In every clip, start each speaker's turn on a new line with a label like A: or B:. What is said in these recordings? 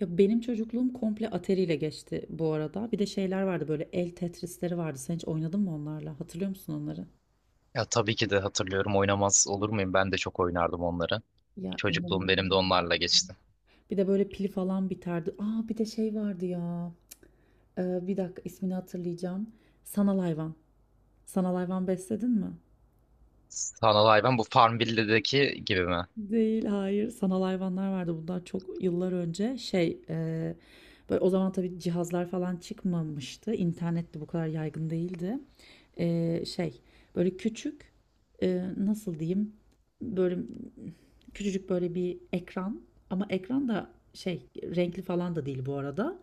A: Ya benim çocukluğum komple Atari'yle geçti bu arada. Bir de şeyler vardı böyle el Tetris'leri vardı. Sen hiç oynadın mı onlarla? Hatırlıyor musun onları?
B: Ya tabii ki de hatırlıyorum. Oynamaz olur muyum? Ben de çok oynardım onları.
A: Ya
B: Çocukluğum benim de
A: inanılmaz.
B: onlarla geçti.
A: Bir de böyle pil falan biterdi. Aa bir de şey vardı ya. Bir dakika ismini hatırlayacağım. Sanal hayvan. Sanal hayvan besledin mi?
B: Sanal hayvan bu Farmville'deki gibi mi?
A: Değil, hayır. Sanal hayvanlar vardı. Bunlar çok yıllar önce. Şey, böyle o zaman tabii cihazlar falan çıkmamıştı. İnternet de bu kadar yaygın değildi. Şey böyle küçük nasıl diyeyim böyle küçücük böyle bir ekran ama ekran da şey renkli falan da değil bu arada.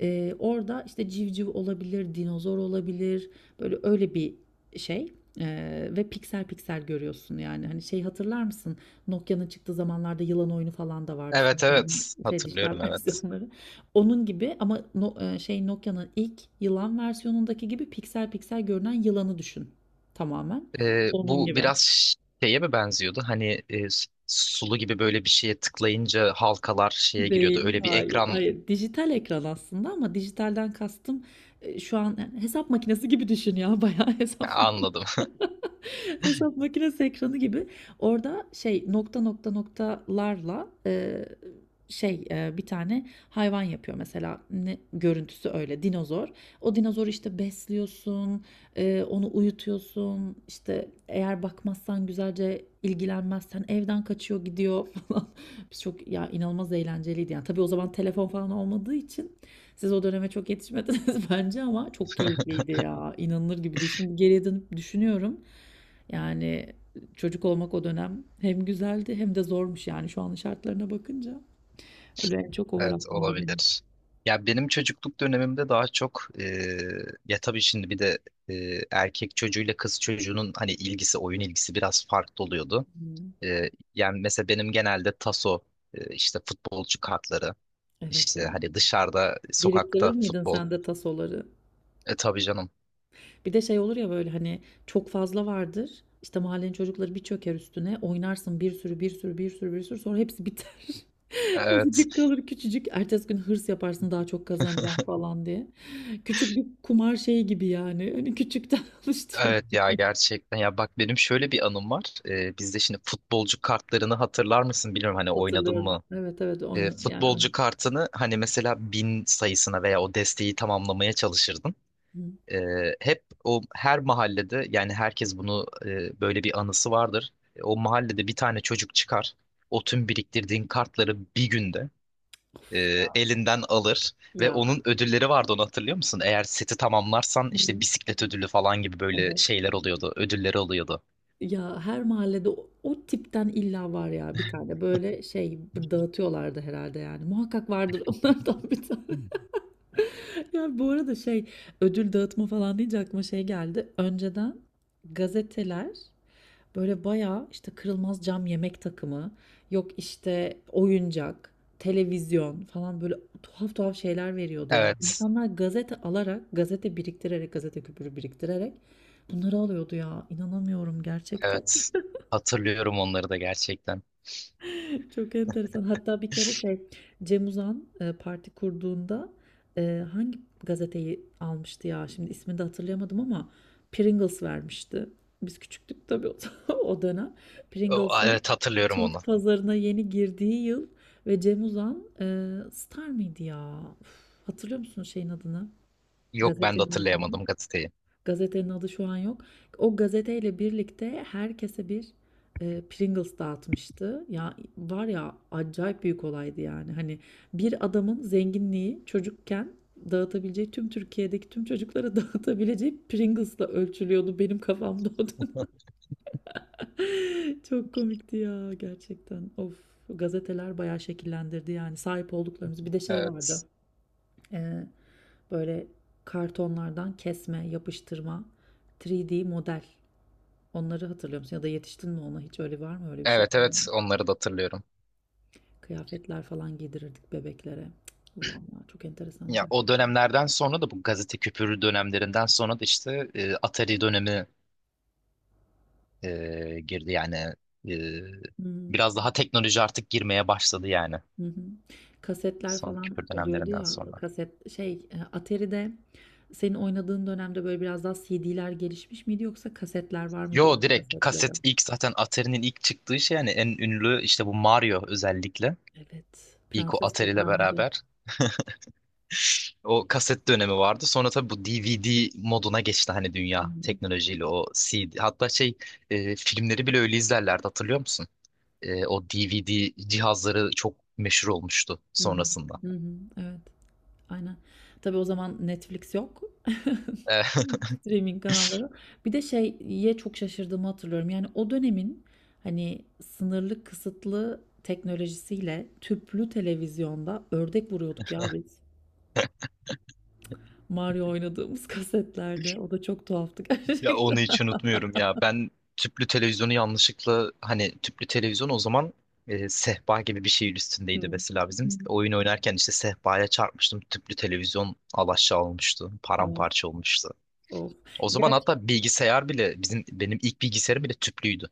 A: Orada işte civciv olabilir, dinozor olabilir böyle öyle bir şey. Ve piksel piksel görüyorsun yani hani şey hatırlar mısın Nokia'nın çıktığı zamanlarda yılan oyunu falan da vardı son
B: Evet,
A: zaman
B: evet.
A: şey dijital
B: Hatırlıyorum evet.
A: versiyonları onun gibi ama şey Nokia'nın ilk yılan versiyonundaki gibi piksel piksel görünen yılanı düşün tamamen.
B: Ee,
A: Onun
B: bu
A: gibi.
B: biraz şeye mi benziyordu? Hani sulu gibi böyle bir şeye tıklayınca halkalar şeye giriyordu.
A: Değil,
B: Öyle bir
A: hayır.
B: ekran.
A: Hayır, dijital ekran aslında ama dijitalden kastım şu an hesap makinesi gibi düşün ya bayağı hesap makinesi.
B: Anladım.
A: Hesap makinesi ekranı gibi. Orada şey nokta nokta noktalarla bir tane hayvan yapıyor mesela ne, görüntüsü öyle dinozor. O dinozoru işte besliyorsun, onu uyutuyorsun. İşte eğer bakmazsan güzelce ilgilenmezsen evden kaçıyor gidiyor falan. Biz çok ya inanılmaz eğlenceliydi yani. Tabii o zaman telefon falan olmadığı için siz o döneme çok yetişmediniz bence ama çok keyifliydi ya. İnanılır gibi değil. Şimdi geriye dönüp düşünüyorum. Yani çocuk olmak o dönem hem güzeldi hem de zormuş yani şu an şartlarına bakınca. Öyle en çok o var
B: Evet,
A: aklımda benim.
B: olabilir. Ya benim çocukluk dönemimde daha çok ya tabii şimdi bir de erkek çocuğuyla kız çocuğunun hani ilgisi oyun ilgisi biraz farklı oluyordu.
A: Hımm.
B: Ee, yani mesela benim genelde taso, işte futbolcu kartları,
A: Evet
B: işte
A: ya.
B: hani dışarıda,
A: Biriktirir
B: sokakta
A: miydin
B: futbol.
A: sen de tasoları?
B: E tabii canım.
A: Bir de şey olur ya böyle hani çok fazla vardır. İşte mahallenin çocukları bir çöker üstüne oynarsın bir sürü bir sürü bir sürü bir sürü sonra hepsi biter.
B: Evet,
A: Azıcık kalır küçücük. Ertesi gün hırs yaparsın daha çok kazanacağım falan diye. Küçük bir kumar şeyi gibi yani. Hani küçükten alıştırma.
B: evet ya gerçekten. Ya bak benim şöyle bir anım var. Bizde şimdi futbolcu kartlarını hatırlar mısın bilmiyorum hani oynadın
A: Hatırlıyorum.
B: mı?
A: Evet evet
B: Ee,
A: oyna yani oyna.
B: futbolcu kartını hani mesela bin sayısına veya o desteği tamamlamaya çalışırdın.
A: Hı.
B: E, hep o her mahallede yani herkes bunu böyle bir anısı vardır. O mahallede bir tane çocuk çıkar. O tüm biriktirdiğin kartları bir günde e, elinden alır ve
A: Ya.
B: onun ödülleri vardı onu hatırlıyor musun? Eğer seti tamamlarsan işte
A: Hı.
B: bisiklet ödülü falan gibi böyle
A: Evet.
B: şeyler oluyordu, ödülleri oluyordu.
A: Ya her mahallede o, o tipten illa var ya bir tane böyle şey dağıtıyorlardı herhalde yani. Muhakkak vardır onlardan bir tane. Ya bu arada şey ödül dağıtma falan deyince aklıma şey geldi. Önceden gazeteler böyle bayağı işte kırılmaz cam yemek takımı, yok işte oyuncak, televizyon falan böyle tuhaf tuhaf şeyler veriyordu ya.
B: Evet,
A: İnsanlar gazete alarak, gazete biriktirerek, gazete küpürü biriktirerek bunları alıyordu ya. İnanamıyorum gerçekten.
B: evet. Hatırlıyorum onları da gerçekten.
A: Çok enteresan. Hatta bir kere şey Cem Uzan parti kurduğunda hangi gazeteyi almıştı ya? Şimdi ismini de hatırlayamadım ama Pringles vermişti. Biz küçüktük tabii o, o dönem. Pringles'ın
B: Evet, hatırlıyorum onu.
A: Türk pazarına yeni girdiği yıl ve Cem Uzan Star mıydı ya? Uf, hatırlıyor musun şeyin adını?
B: Yok ben de
A: Gazetenin adını.
B: hatırlayamadım gazeteyi.
A: Gazetenin adı şu an yok. O gazeteyle birlikte herkese bir Pringles dağıtmıştı. Ya var ya acayip büyük olaydı yani. Hani bir adamın zenginliği çocukken dağıtabileceği tüm Türkiye'deki tüm çocuklara dağıtabileceği Pringles'la ölçülüyordu benim kafamda o dönem. Çok komikti ya gerçekten. Of gazeteler bayağı şekillendirdi yani sahip olduklarımız. Bir de şey vardı.
B: Evet.
A: e, Böyle kartonlardan kesme, yapıştırma, 3D model. Onları hatırlıyor musun? Ya da yetiştin mi ona? Hiç öyle var mı öyle bir şey?
B: Evet, evet, onları da hatırlıyorum.
A: Kıyafetler falan giydirirdik bebeklere. Cık, Allah'ım ya çok enteresandı
B: Ya o
A: gerçekten.
B: dönemlerden sonra da bu gazete küpürü dönemlerinden sonra da işte Atari dönemi girdi yani e,
A: Hı
B: biraz daha teknoloji artık girmeye başladı yani
A: hı. Hı. Kasetler
B: son
A: falan
B: küpür
A: oluyordu
B: dönemlerinden
A: ya.
B: sonra.
A: Kaset şey Atari'de senin oynadığın dönemde böyle biraz daha CD'ler gelişmiş miydi yoksa kasetler var
B: Yo
A: mıydı onun
B: direkt
A: kasetleri?
B: kaset ilk zaten Atari'nin ilk çıktığı şey yani en ünlü işte bu Mario özellikle
A: Evet.
B: ilk o
A: Prenses
B: Atari ile
A: Kurtarmacı.
B: beraber o kaset dönemi vardı. Sonra tabii bu DVD moduna geçti hani
A: Hı hı.
B: dünya teknolojiyle o CD hatta şey filmleri bile öyle izlerlerdi hatırlıyor musun? O DVD cihazları çok meşhur olmuştu
A: Hı hı.
B: sonrasında.
A: Hı hı. Evet. Aynen. Tabii o zaman Netflix yok.
B: E,
A: Streaming kanalları. Bir de şeye çok şaşırdığımı hatırlıyorum. Yani o dönemin hani sınırlı kısıtlı teknolojisiyle tüplü televizyonda ördek vuruyorduk ya biz. Mario oynadığımız kasetlerde. O da çok tuhaftı
B: Ya
A: gerçekten.
B: onu hiç unutmuyorum ya. Ben tüplü televizyonu yanlışlıkla hani tüplü televizyon o zaman sehpa gibi bir şeyin
A: Hı.
B: üstündeydi mesela
A: Hı.
B: bizim. Oyun oynarken işte sehpaya çarpmıştım. Tüplü televizyon alaşağı olmuştu.
A: Of,
B: Paramparça olmuştu.
A: of.
B: O zaman
A: Gerçi
B: hatta bilgisayar bile bizim benim ilk bilgisayarım bile tüplüydü.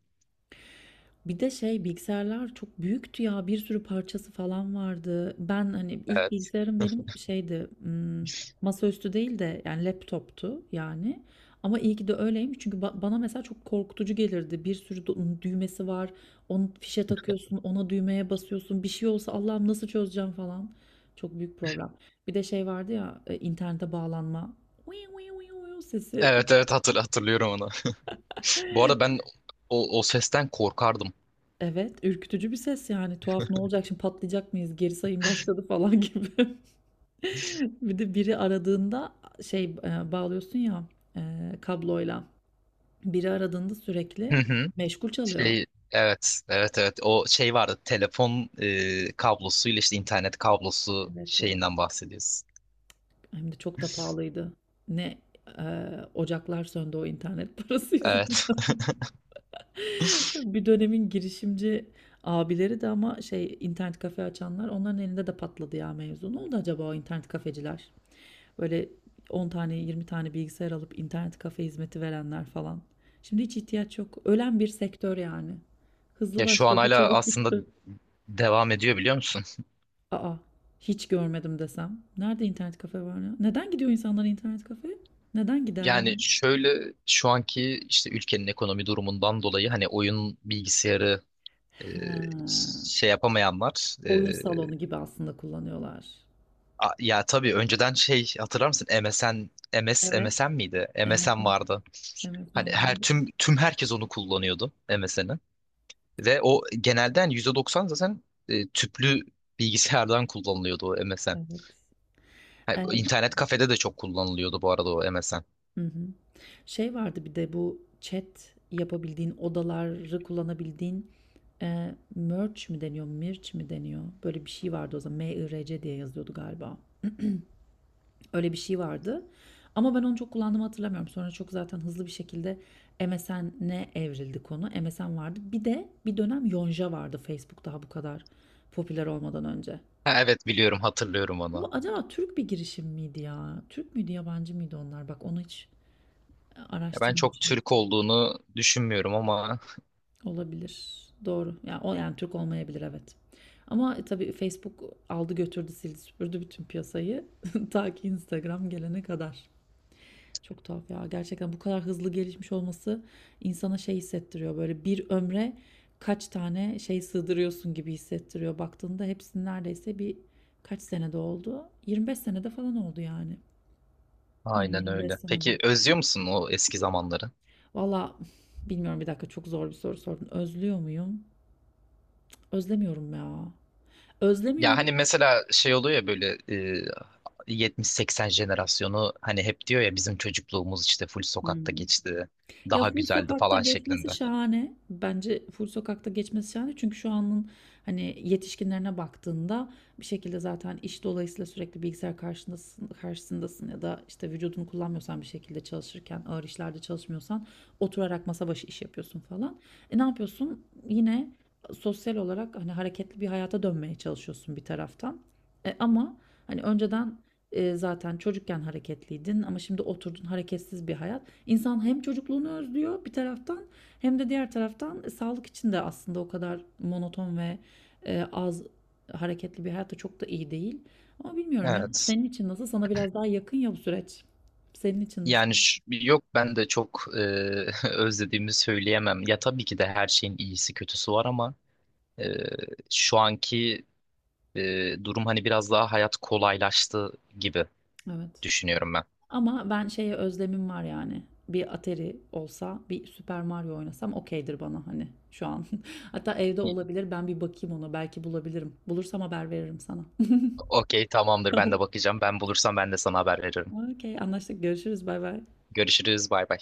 A: bir de şey bilgisayarlar çok büyüktü ya bir sürü parçası falan vardı. Ben hani ilk
B: Evet.
A: bilgisayarım benim şeydi masaüstü değil de yani laptoptu yani. Ama iyi ki de öyleymiş çünkü bana mesela çok korkutucu gelirdi. Bir sürü düğmesi var. Onu fişe takıyorsun, ona düğmeye basıyorsun. Bir şey olsa Allah'ım nasıl çözeceğim falan. Çok büyük problem. Bir de şey vardı ya internete bağlanma. Uyu uyu uyu uyu sesi.
B: Evet, evet, hatırlıyorum onu. Bu arada ben o sesten korkardım.
A: Evet, ürkütücü bir ses yani. Tuhaf, "Ne olacak şimdi, patlayacak mıyız, geri sayım başladı." falan gibi. Bir de biri aradığında şey, bağlıyorsun ya, kabloyla. Biri aradığında sürekli meşgul çalıyor.
B: Şey, evet, evet, evet, o şey vardı telefon, kablosuyla işte internet kablosu
A: Evet ya,
B: şeyinden bahsediyoruz.
A: hem de çok da pahalıydı. Ne, ocaklar söndü o internet parası
B: Evet.
A: yüzünden. Bir dönemin girişimci abileri de ama şey, internet kafe açanlar, onların elinde de patladı ya mevzu. Ne oldu acaba o internet kafeciler? Böyle 10 tane 20 tane bilgisayar alıp internet kafe hizmeti verenler falan. Şimdi hiç ihtiyaç yok. Ölen bir sektör yani. Hızlı
B: Ya şu an
A: başladı,
B: hala
A: çabuk
B: aslında
A: bitti.
B: devam ediyor biliyor musun?
A: Aa, hiç görmedim desem. Nerede internet kafe var ya? Neden gidiyor insanlar internet kafeye? Neden gider yani?
B: Yani şöyle şu anki işte ülkenin ekonomi durumundan dolayı hani oyun bilgisayarı e,
A: Ha,
B: şey yapamayanlar
A: oyun salonu gibi aslında kullanıyorlar.
B: ya tabii önceden şey hatırlar mısın?
A: Evet.
B: MSN miydi? MSN
A: MSN.
B: vardı. Hani
A: MSN
B: her
A: vardı.
B: tüm herkes onu kullanıyordu MSN'i. Ve o genelde hani %90 zaten tüplü bilgisayardan kullanılıyordu o MSN.
A: Evet.
B: Ha,
A: Ee,
B: İnternet kafede de çok kullanılıyordu bu arada o MSN.
A: hı hı. Şey vardı bir de bu chat yapabildiğin, odaları kullanabildiğin merge mi deniyor, mirç mi deniyor? Böyle bir şey vardı o zaman. M-I-R-C diye yazıyordu galiba. Öyle bir şey vardı. Ama ben onu çok kullandığımı hatırlamıyorum. Sonra çok zaten hızlı bir şekilde MSN'e evrildi konu. MSN vardı. Bir de bir dönem Yonca vardı Facebook daha bu kadar popüler olmadan önce.
B: Ha, evet, biliyorum, hatırlıyorum onu.
A: Bu acaba Türk bir girişim miydi ya? Türk müydü, yabancı mıydı onlar? Bak onu hiç
B: Ya ben çok
A: araştırmamışım.
B: Türk olduğunu düşünmüyorum ama
A: Olabilir. Doğru. Yani o yani Türk olmayabilir evet. Ama tabii Facebook aldı götürdü sildi süpürdü bütün piyasayı ta ki Instagram gelene kadar. Çok tuhaf ya. Gerçekten bu kadar hızlı gelişmiş olması insana şey hissettiriyor. Böyle bir ömre kaç tane şey sığdırıyorsun gibi hissettiriyor. Baktığında hepsinin neredeyse bir kaç senede oldu? 25 senede falan oldu yani.
B: aynen
A: 20-25
B: öyle.
A: senede.
B: Peki özlüyor musun o eski zamanları?
A: Valla bilmiyorum bir dakika çok zor bir soru sordun. Özlüyor muyum? Özlemiyorum ya.
B: Ya
A: Özlemiyorum.
B: hani mesela şey oluyor ya böyle 70-80 jenerasyonu hani hep diyor ya bizim çocukluğumuz işte full sokakta
A: Hıı.
B: geçti.
A: Ya
B: Daha
A: Full
B: güzeldi
A: Sokak'ta
B: falan
A: geçmesi
B: şeklinde.
A: şahane. Bence Full Sokak'ta geçmesi şahane. Çünkü şu anın hani yetişkinlerine baktığında bir şekilde zaten iş dolayısıyla sürekli bilgisayar karşındasın, karşısındasın ya da işte vücudunu kullanmıyorsan bir şekilde çalışırken ağır işlerde çalışmıyorsan oturarak masa başı iş yapıyorsun falan. E ne yapıyorsun? Yine sosyal olarak hani hareketli bir hayata dönmeye çalışıyorsun bir taraftan. E ama hani önceden zaten çocukken hareketliydin ama şimdi oturdun hareketsiz bir hayat. İnsan hem çocukluğunu özlüyor bir taraftan hem de diğer taraftan sağlık için de aslında o kadar monoton ve az hareketli bir hayat da çok da iyi değil. Ama bilmiyorum ya.
B: Evet.
A: Senin için nasıl? Sana biraz daha yakın ya bu süreç. Senin için nasıl?
B: Yani, yok ben de çok özlediğimi söyleyemem. Ya tabii ki de her şeyin iyisi kötüsü var ama e, şu anki durum hani biraz daha hayat kolaylaştı gibi
A: Evet.
B: düşünüyorum ben.
A: Ama ben şeye özlemim var yani. Bir Atari olsa, bir Super Mario oynasam okeydir bana hani şu an. Hatta evde olabilir. Ben bir bakayım ona. Belki bulabilirim. Bulursam haber veririm sana.
B: Okey tamamdır, ben
A: Tamam.
B: de bakacağım. Ben bulursam ben de sana haber veririm.
A: Okey, anlaştık. Görüşürüz. Bay bay.
B: Görüşürüz, bay bay.